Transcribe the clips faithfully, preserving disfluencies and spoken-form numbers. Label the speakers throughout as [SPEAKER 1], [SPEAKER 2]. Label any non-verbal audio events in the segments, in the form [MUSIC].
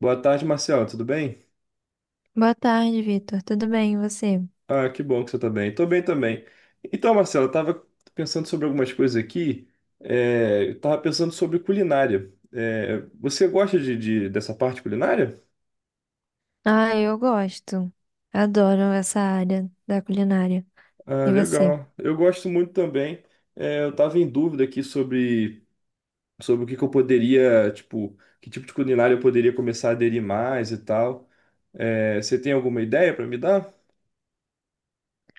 [SPEAKER 1] Boa tarde, Marcelo. Tudo bem?
[SPEAKER 2] Boa tarde, Vitor. Tudo bem, e você?
[SPEAKER 1] Ah, que bom que você tá bem. Tô bem também. Então, Marcelo, eu tava pensando sobre algumas coisas aqui. É, eu tava pensando sobre culinária. É, você gosta de, de- dessa parte culinária?
[SPEAKER 2] Ah, eu gosto. Adoro essa área da culinária.
[SPEAKER 1] Ah,
[SPEAKER 2] E você?
[SPEAKER 1] legal. Eu gosto muito também. É, eu tava em dúvida aqui sobre, sobre o que que eu poderia, tipo, que tipo de culinária eu poderia começar a aderir mais e tal. É, você tem alguma ideia para me dar?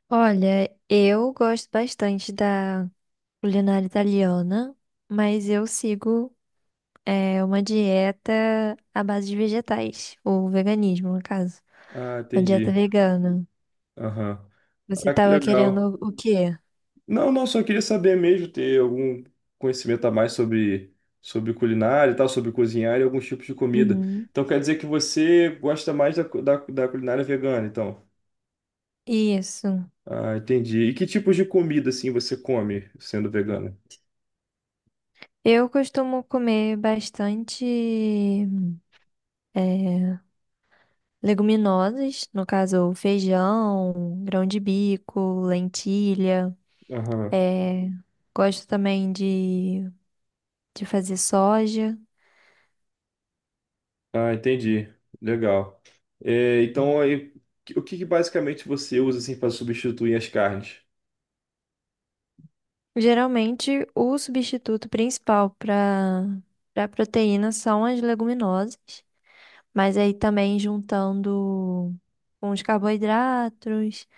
[SPEAKER 2] Olha, eu gosto bastante da culinária italiana, mas eu sigo é, uma dieta à base de vegetais, ou veganismo, no caso.
[SPEAKER 1] Ah,
[SPEAKER 2] Uma dieta
[SPEAKER 1] entendi.
[SPEAKER 2] vegana.
[SPEAKER 1] Aham.
[SPEAKER 2] Você
[SPEAKER 1] Ah, que
[SPEAKER 2] estava
[SPEAKER 1] legal.
[SPEAKER 2] querendo o quê?
[SPEAKER 1] Não, não, só queria saber mesmo, ter algum conhecimento a mais sobre, sobre culinária e tal, sobre cozinhar e alguns tipos de comida.
[SPEAKER 2] Uhum.
[SPEAKER 1] Então quer dizer que você gosta mais da, cu- da, da culinária vegana, então.
[SPEAKER 2] Isso.
[SPEAKER 1] Ah, entendi. E que tipos de comida, assim, você come sendo vegana?
[SPEAKER 2] Eu costumo comer bastante. é, Leguminosas, no caso, feijão, grão de bico, lentilha.
[SPEAKER 1] Aham.
[SPEAKER 2] É, gosto também de, de fazer soja.
[SPEAKER 1] Ah, entendi. Legal. É, então, aí, o que que basicamente você usa, assim, para substituir as carnes?
[SPEAKER 2] Geralmente, o substituto principal para para proteína são as leguminosas, mas aí também juntando com os carboidratos,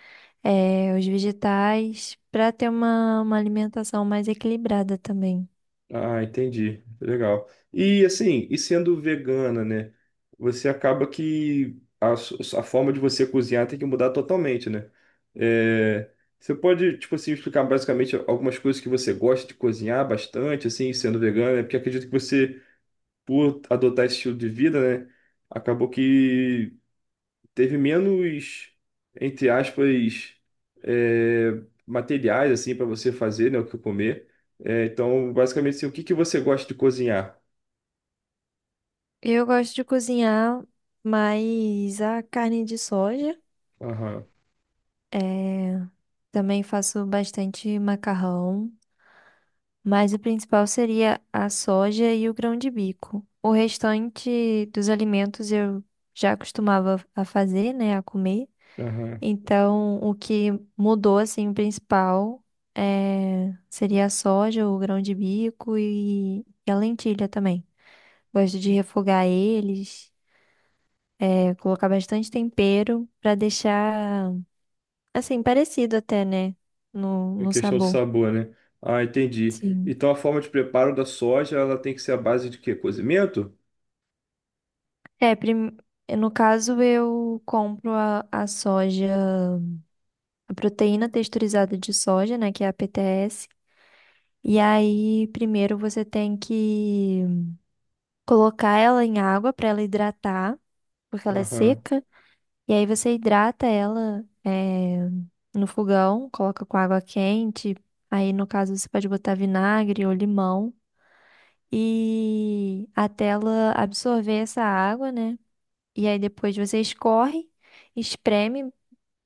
[SPEAKER 2] é, os vegetais, para ter uma, uma alimentação mais equilibrada também.
[SPEAKER 1] Ah, entendi. Legal. E assim, e sendo vegana, né? Você acaba que a, su- a forma de você cozinhar tem que mudar totalmente, né? É, você pode, tipo assim, explicar basicamente algumas coisas que você gosta de cozinhar bastante, assim, sendo vegana, né? Porque acredito que você, por adotar esse estilo de vida, né? Acabou que teve menos, entre aspas, é, materiais assim para você fazer, né, o que comer. É, então, basicamente, assim, o que que você gosta de cozinhar?
[SPEAKER 2] Eu gosto de cozinhar mais a carne de soja.
[SPEAKER 1] Aham,
[SPEAKER 2] É, também faço bastante macarrão, mas o principal seria a soja e o grão de bico. O restante dos alimentos eu já costumava a fazer, né, a comer.
[SPEAKER 1] aham.
[SPEAKER 2] Então, o que mudou assim o principal é, seria a soja, o grão de bico e e a lentilha também. Gosto de refogar eles. É, colocar bastante tempero pra deixar, assim, parecido até, né? No,
[SPEAKER 1] Em
[SPEAKER 2] no
[SPEAKER 1] questão do
[SPEAKER 2] sabor.
[SPEAKER 1] sabor, né? Ah, entendi.
[SPEAKER 2] Sim.
[SPEAKER 1] Então, a forma de preparo da soja, ela tem que ser a base de quê? Cozimento?
[SPEAKER 2] É, prim- no caso, eu compro a, a soja, a proteína texturizada de soja, né? Que é a P T S. E aí, primeiro você tem que colocar ela em água para ela hidratar, porque ela é
[SPEAKER 1] Aham,
[SPEAKER 2] seca. E aí você hidrata ela, é, no fogão, coloca com água quente. Aí, no caso, você pode botar vinagre ou limão. E até ela absorver essa água, né? E aí depois você escorre, espreme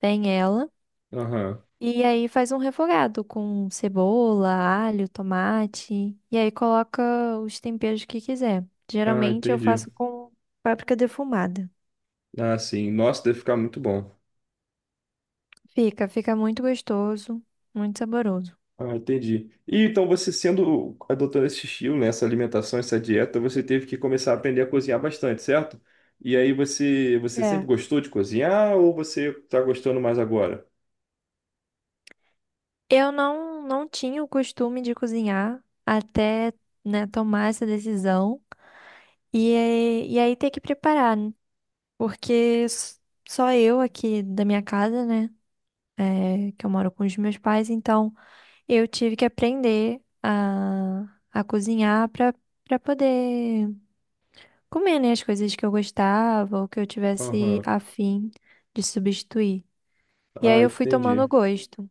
[SPEAKER 2] bem ela
[SPEAKER 1] aham.
[SPEAKER 2] e aí faz um refogado com cebola, alho, tomate e aí coloca os temperos que quiser.
[SPEAKER 1] Ah,
[SPEAKER 2] Geralmente eu
[SPEAKER 1] entendi.
[SPEAKER 2] faço com páprica defumada.
[SPEAKER 1] Ah, sim. Nossa, deve ficar muito bom.
[SPEAKER 2] Fica, fica muito gostoso, muito saboroso.
[SPEAKER 1] Ah, entendi. E então você sendo adotando esse estilo, né, essa alimentação, essa dieta, você teve que começar a aprender a cozinhar bastante, certo? E aí você você sempre
[SPEAKER 2] É.
[SPEAKER 1] gostou de cozinhar ou você tá gostando mais agora?
[SPEAKER 2] Eu não não tinha o costume de cozinhar até, né, tomar essa decisão. E, aí- e aí ter que preparar. Porque s- só eu aqui da minha casa, né? É, que eu moro com os meus pais, então eu tive que aprender a, a cozinhar para para poder comer, né, as coisas que eu gostava ou que eu tivesse
[SPEAKER 1] Aham.
[SPEAKER 2] afim de substituir. E aí
[SPEAKER 1] Ah,
[SPEAKER 2] eu fui tomando
[SPEAKER 1] entendi.
[SPEAKER 2] gosto.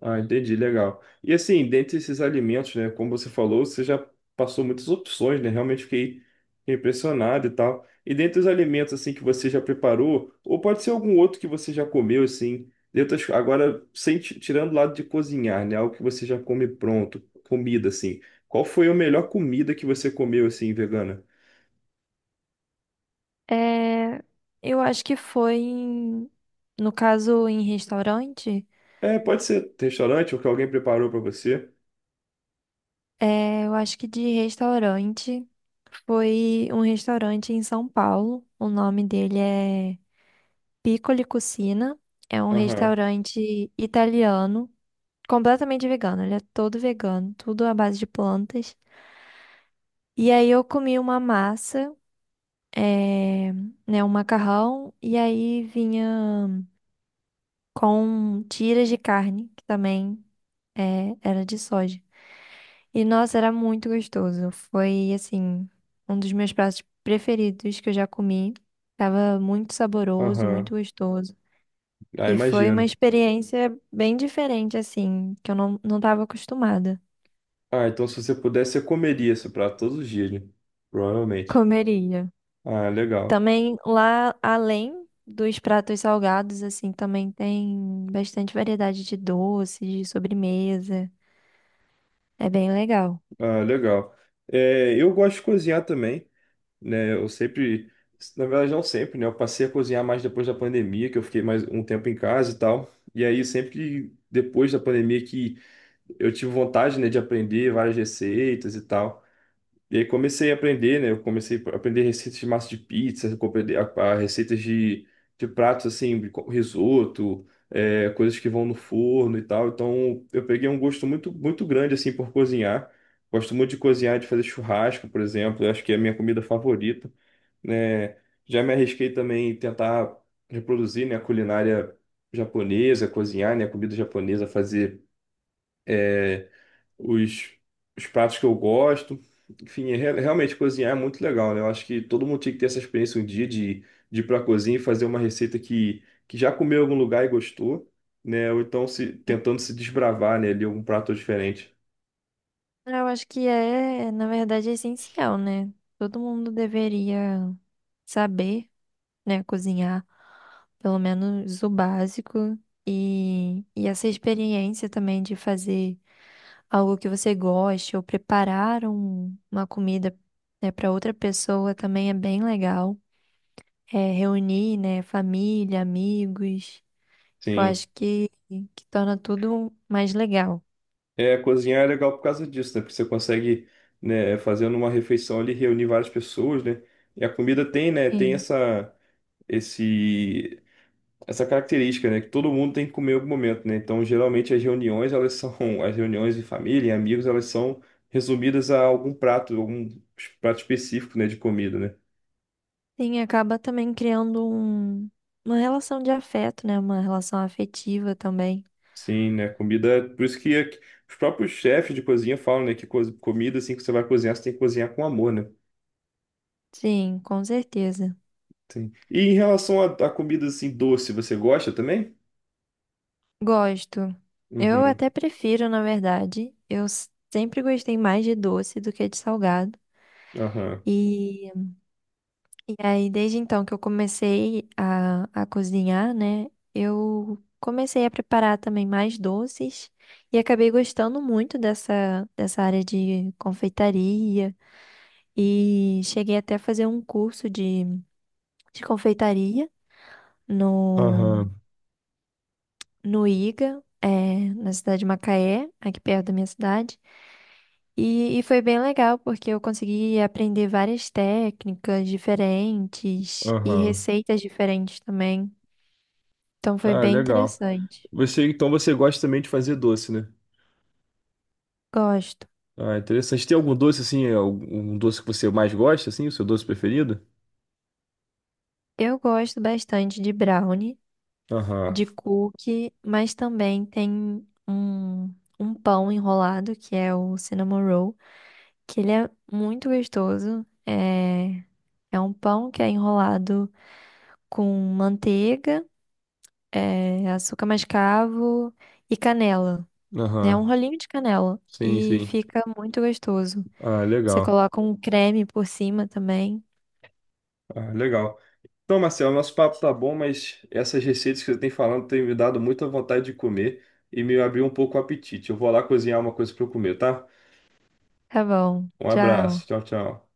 [SPEAKER 1] Ah, entendi, legal. E assim, dentre esses alimentos, né, como você falou, você já passou muitas opções, né? Realmente fiquei impressionado e tal. E dentre os alimentos assim que você já preparou, ou pode ser algum outro que você já comeu assim, dentre as- agora sem ti- tirando o lado de cozinhar, né, algo que você já come pronto, comida assim. Qual foi a melhor comida que você comeu assim vegana?
[SPEAKER 2] É, eu acho que foi em, no caso em restaurante.
[SPEAKER 1] É, pode ser restaurante ou que alguém preparou para você.
[SPEAKER 2] É, eu acho que de restaurante foi um restaurante em São Paulo. O nome dele é Piccoli Cucina. É um
[SPEAKER 1] Aham,
[SPEAKER 2] restaurante italiano, completamente vegano. Ele é todo vegano, tudo à base de plantas. E aí eu comi uma massa, é, né, um macarrão, e aí vinha com tiras de carne, que também é, era de soja. E nossa, era muito gostoso. Foi assim, um dos meus pratos preferidos que eu já comi. Tava muito saboroso,
[SPEAKER 1] aham.
[SPEAKER 2] muito gostoso.
[SPEAKER 1] Ah,
[SPEAKER 2] E foi uma
[SPEAKER 1] imagino.
[SPEAKER 2] experiência bem diferente, assim, que eu não, não estava acostumada.
[SPEAKER 1] Ah, então se você pudesse, você comeria esse prato todos os dias, né?
[SPEAKER 2] [LAUGHS]
[SPEAKER 1] Provavelmente.
[SPEAKER 2] Comeria.
[SPEAKER 1] Ah, legal.
[SPEAKER 2] Também lá, além dos pratos salgados, assim, também tem bastante variedade de doces, de sobremesa. É bem legal.
[SPEAKER 1] Ah, legal. É, eu gosto de cozinhar também, né? Eu sempre, na verdade não sempre, né? Eu passei a cozinhar mais depois da pandemia, que eu fiquei mais um tempo em casa e tal. E aí sempre que- depois da pandemia que eu tive vontade, né, de aprender várias receitas e tal. E aí comecei a aprender, né? Eu comecei a aprender receitas de massa de pizza, compreendi- a, a receitas de, de pratos assim, de co- risoto, é, coisas que vão no forno e tal. Então eu peguei um gosto muito, muito grande assim por cozinhar. Gosto muito de cozinhar, de fazer churrasco, por exemplo. Eu acho que é a minha comida favorita, né? Já me arrisquei também em tentar reproduzir, né, a culinária japonesa, cozinhar, né, a comida japonesa, fazer eh, os, os pratos que eu gosto. Enfim, é, re- realmente cozinhar é muito legal, né? Eu acho que todo mundo tinha que ter essa experiência um dia de, de ir para a cozinha e fazer uma receita que, que já comeu em algum lugar e gostou, né? Ou então se, tentando se desbravar, né, ali algum prato diferente.
[SPEAKER 2] Ah, eu acho que é, na verdade, é essencial, né? Todo mundo deveria saber, né, cozinhar, pelo menos o básico. E, e essa experiência também de fazer algo que você goste ou preparar um- uma comida, né, para outra pessoa também é bem legal. É, reunir, né, família, amigos. Eu
[SPEAKER 1] Sim.
[SPEAKER 2] acho que, que torna tudo mais legal.
[SPEAKER 1] É, cozinhar é legal por causa disso, né? Porque você consegue, né, fazendo uma refeição ali, reunir várias pessoas, né? E a comida tem, né, tem
[SPEAKER 2] Sim.
[SPEAKER 1] essa esse essa característica, né, que todo mundo tem que comer em algum momento, né? Então, geralmente as reuniões, elas são [LAUGHS] as reuniões de família, e amigos, elas são resumidas a algum prato, algum prato específico, né, de comida, né?
[SPEAKER 2] Sim, acaba também criando um, uma relação de afeto, né? Uma relação afetiva também.
[SPEAKER 1] Sim, né? Comida, por isso que aqui- os próprios chefes de cozinha falam, né, que co- comida assim que você vai cozinhar, você tem que cozinhar com amor, né?
[SPEAKER 2] Sim, com certeza.
[SPEAKER 1] Sim. E em relação à à comida assim doce, você gosta também?
[SPEAKER 2] Gosto. Eu
[SPEAKER 1] Uhum.
[SPEAKER 2] até prefiro, na verdade. Eu s- sempre gostei mais de doce do que de salgado.
[SPEAKER 1] Aham.
[SPEAKER 2] E, e aí, desde então que eu comecei a, a cozinhar, né? Eu comecei a preparar também mais doces e acabei gostando muito dessa, dessa área de confeitaria. E cheguei até a fazer um curso de confeitaria no,
[SPEAKER 1] Aham.
[SPEAKER 2] no iga, é, na cidade de Macaé, aqui perto da minha cidade. E, e foi bem legal, porque eu consegui aprender várias técnicas diferentes e
[SPEAKER 1] Aham.
[SPEAKER 2] receitas diferentes também. Então foi
[SPEAKER 1] Ah,
[SPEAKER 2] bem
[SPEAKER 1] legal.
[SPEAKER 2] interessante.
[SPEAKER 1] Você, então você gosta também de fazer doce, né?
[SPEAKER 2] Gosto.
[SPEAKER 1] Ah, interessante. Tem algum doce assim, algum doce que você mais gosta, assim, o seu doce preferido?
[SPEAKER 2] Eu gosto bastante de brownie,
[SPEAKER 1] Aham,
[SPEAKER 2] de cookie, mas também tem um, um pão enrolado, que é o cinnamon roll, que ele é muito gostoso. É, É um pão que é enrolado com manteiga, eh, açúcar mascavo e canela. É um
[SPEAKER 1] aham.
[SPEAKER 2] rolinho de canela
[SPEAKER 1] Sim,
[SPEAKER 2] e
[SPEAKER 1] sim.
[SPEAKER 2] fica muito gostoso.
[SPEAKER 1] Ah,
[SPEAKER 2] Você
[SPEAKER 1] legal.
[SPEAKER 2] coloca um creme por cima também.
[SPEAKER 1] Ah, legal. Então, Marcelo, nosso papo tá bom, mas essas receitas que você tem falando têm me dado muita vontade de comer e me abriu um pouco o apetite. Eu vou lá cozinhar uma coisa para eu comer, tá?
[SPEAKER 2] Tá bom.
[SPEAKER 1] Um abraço.
[SPEAKER 2] Tchau.
[SPEAKER 1] Tchau, tchau.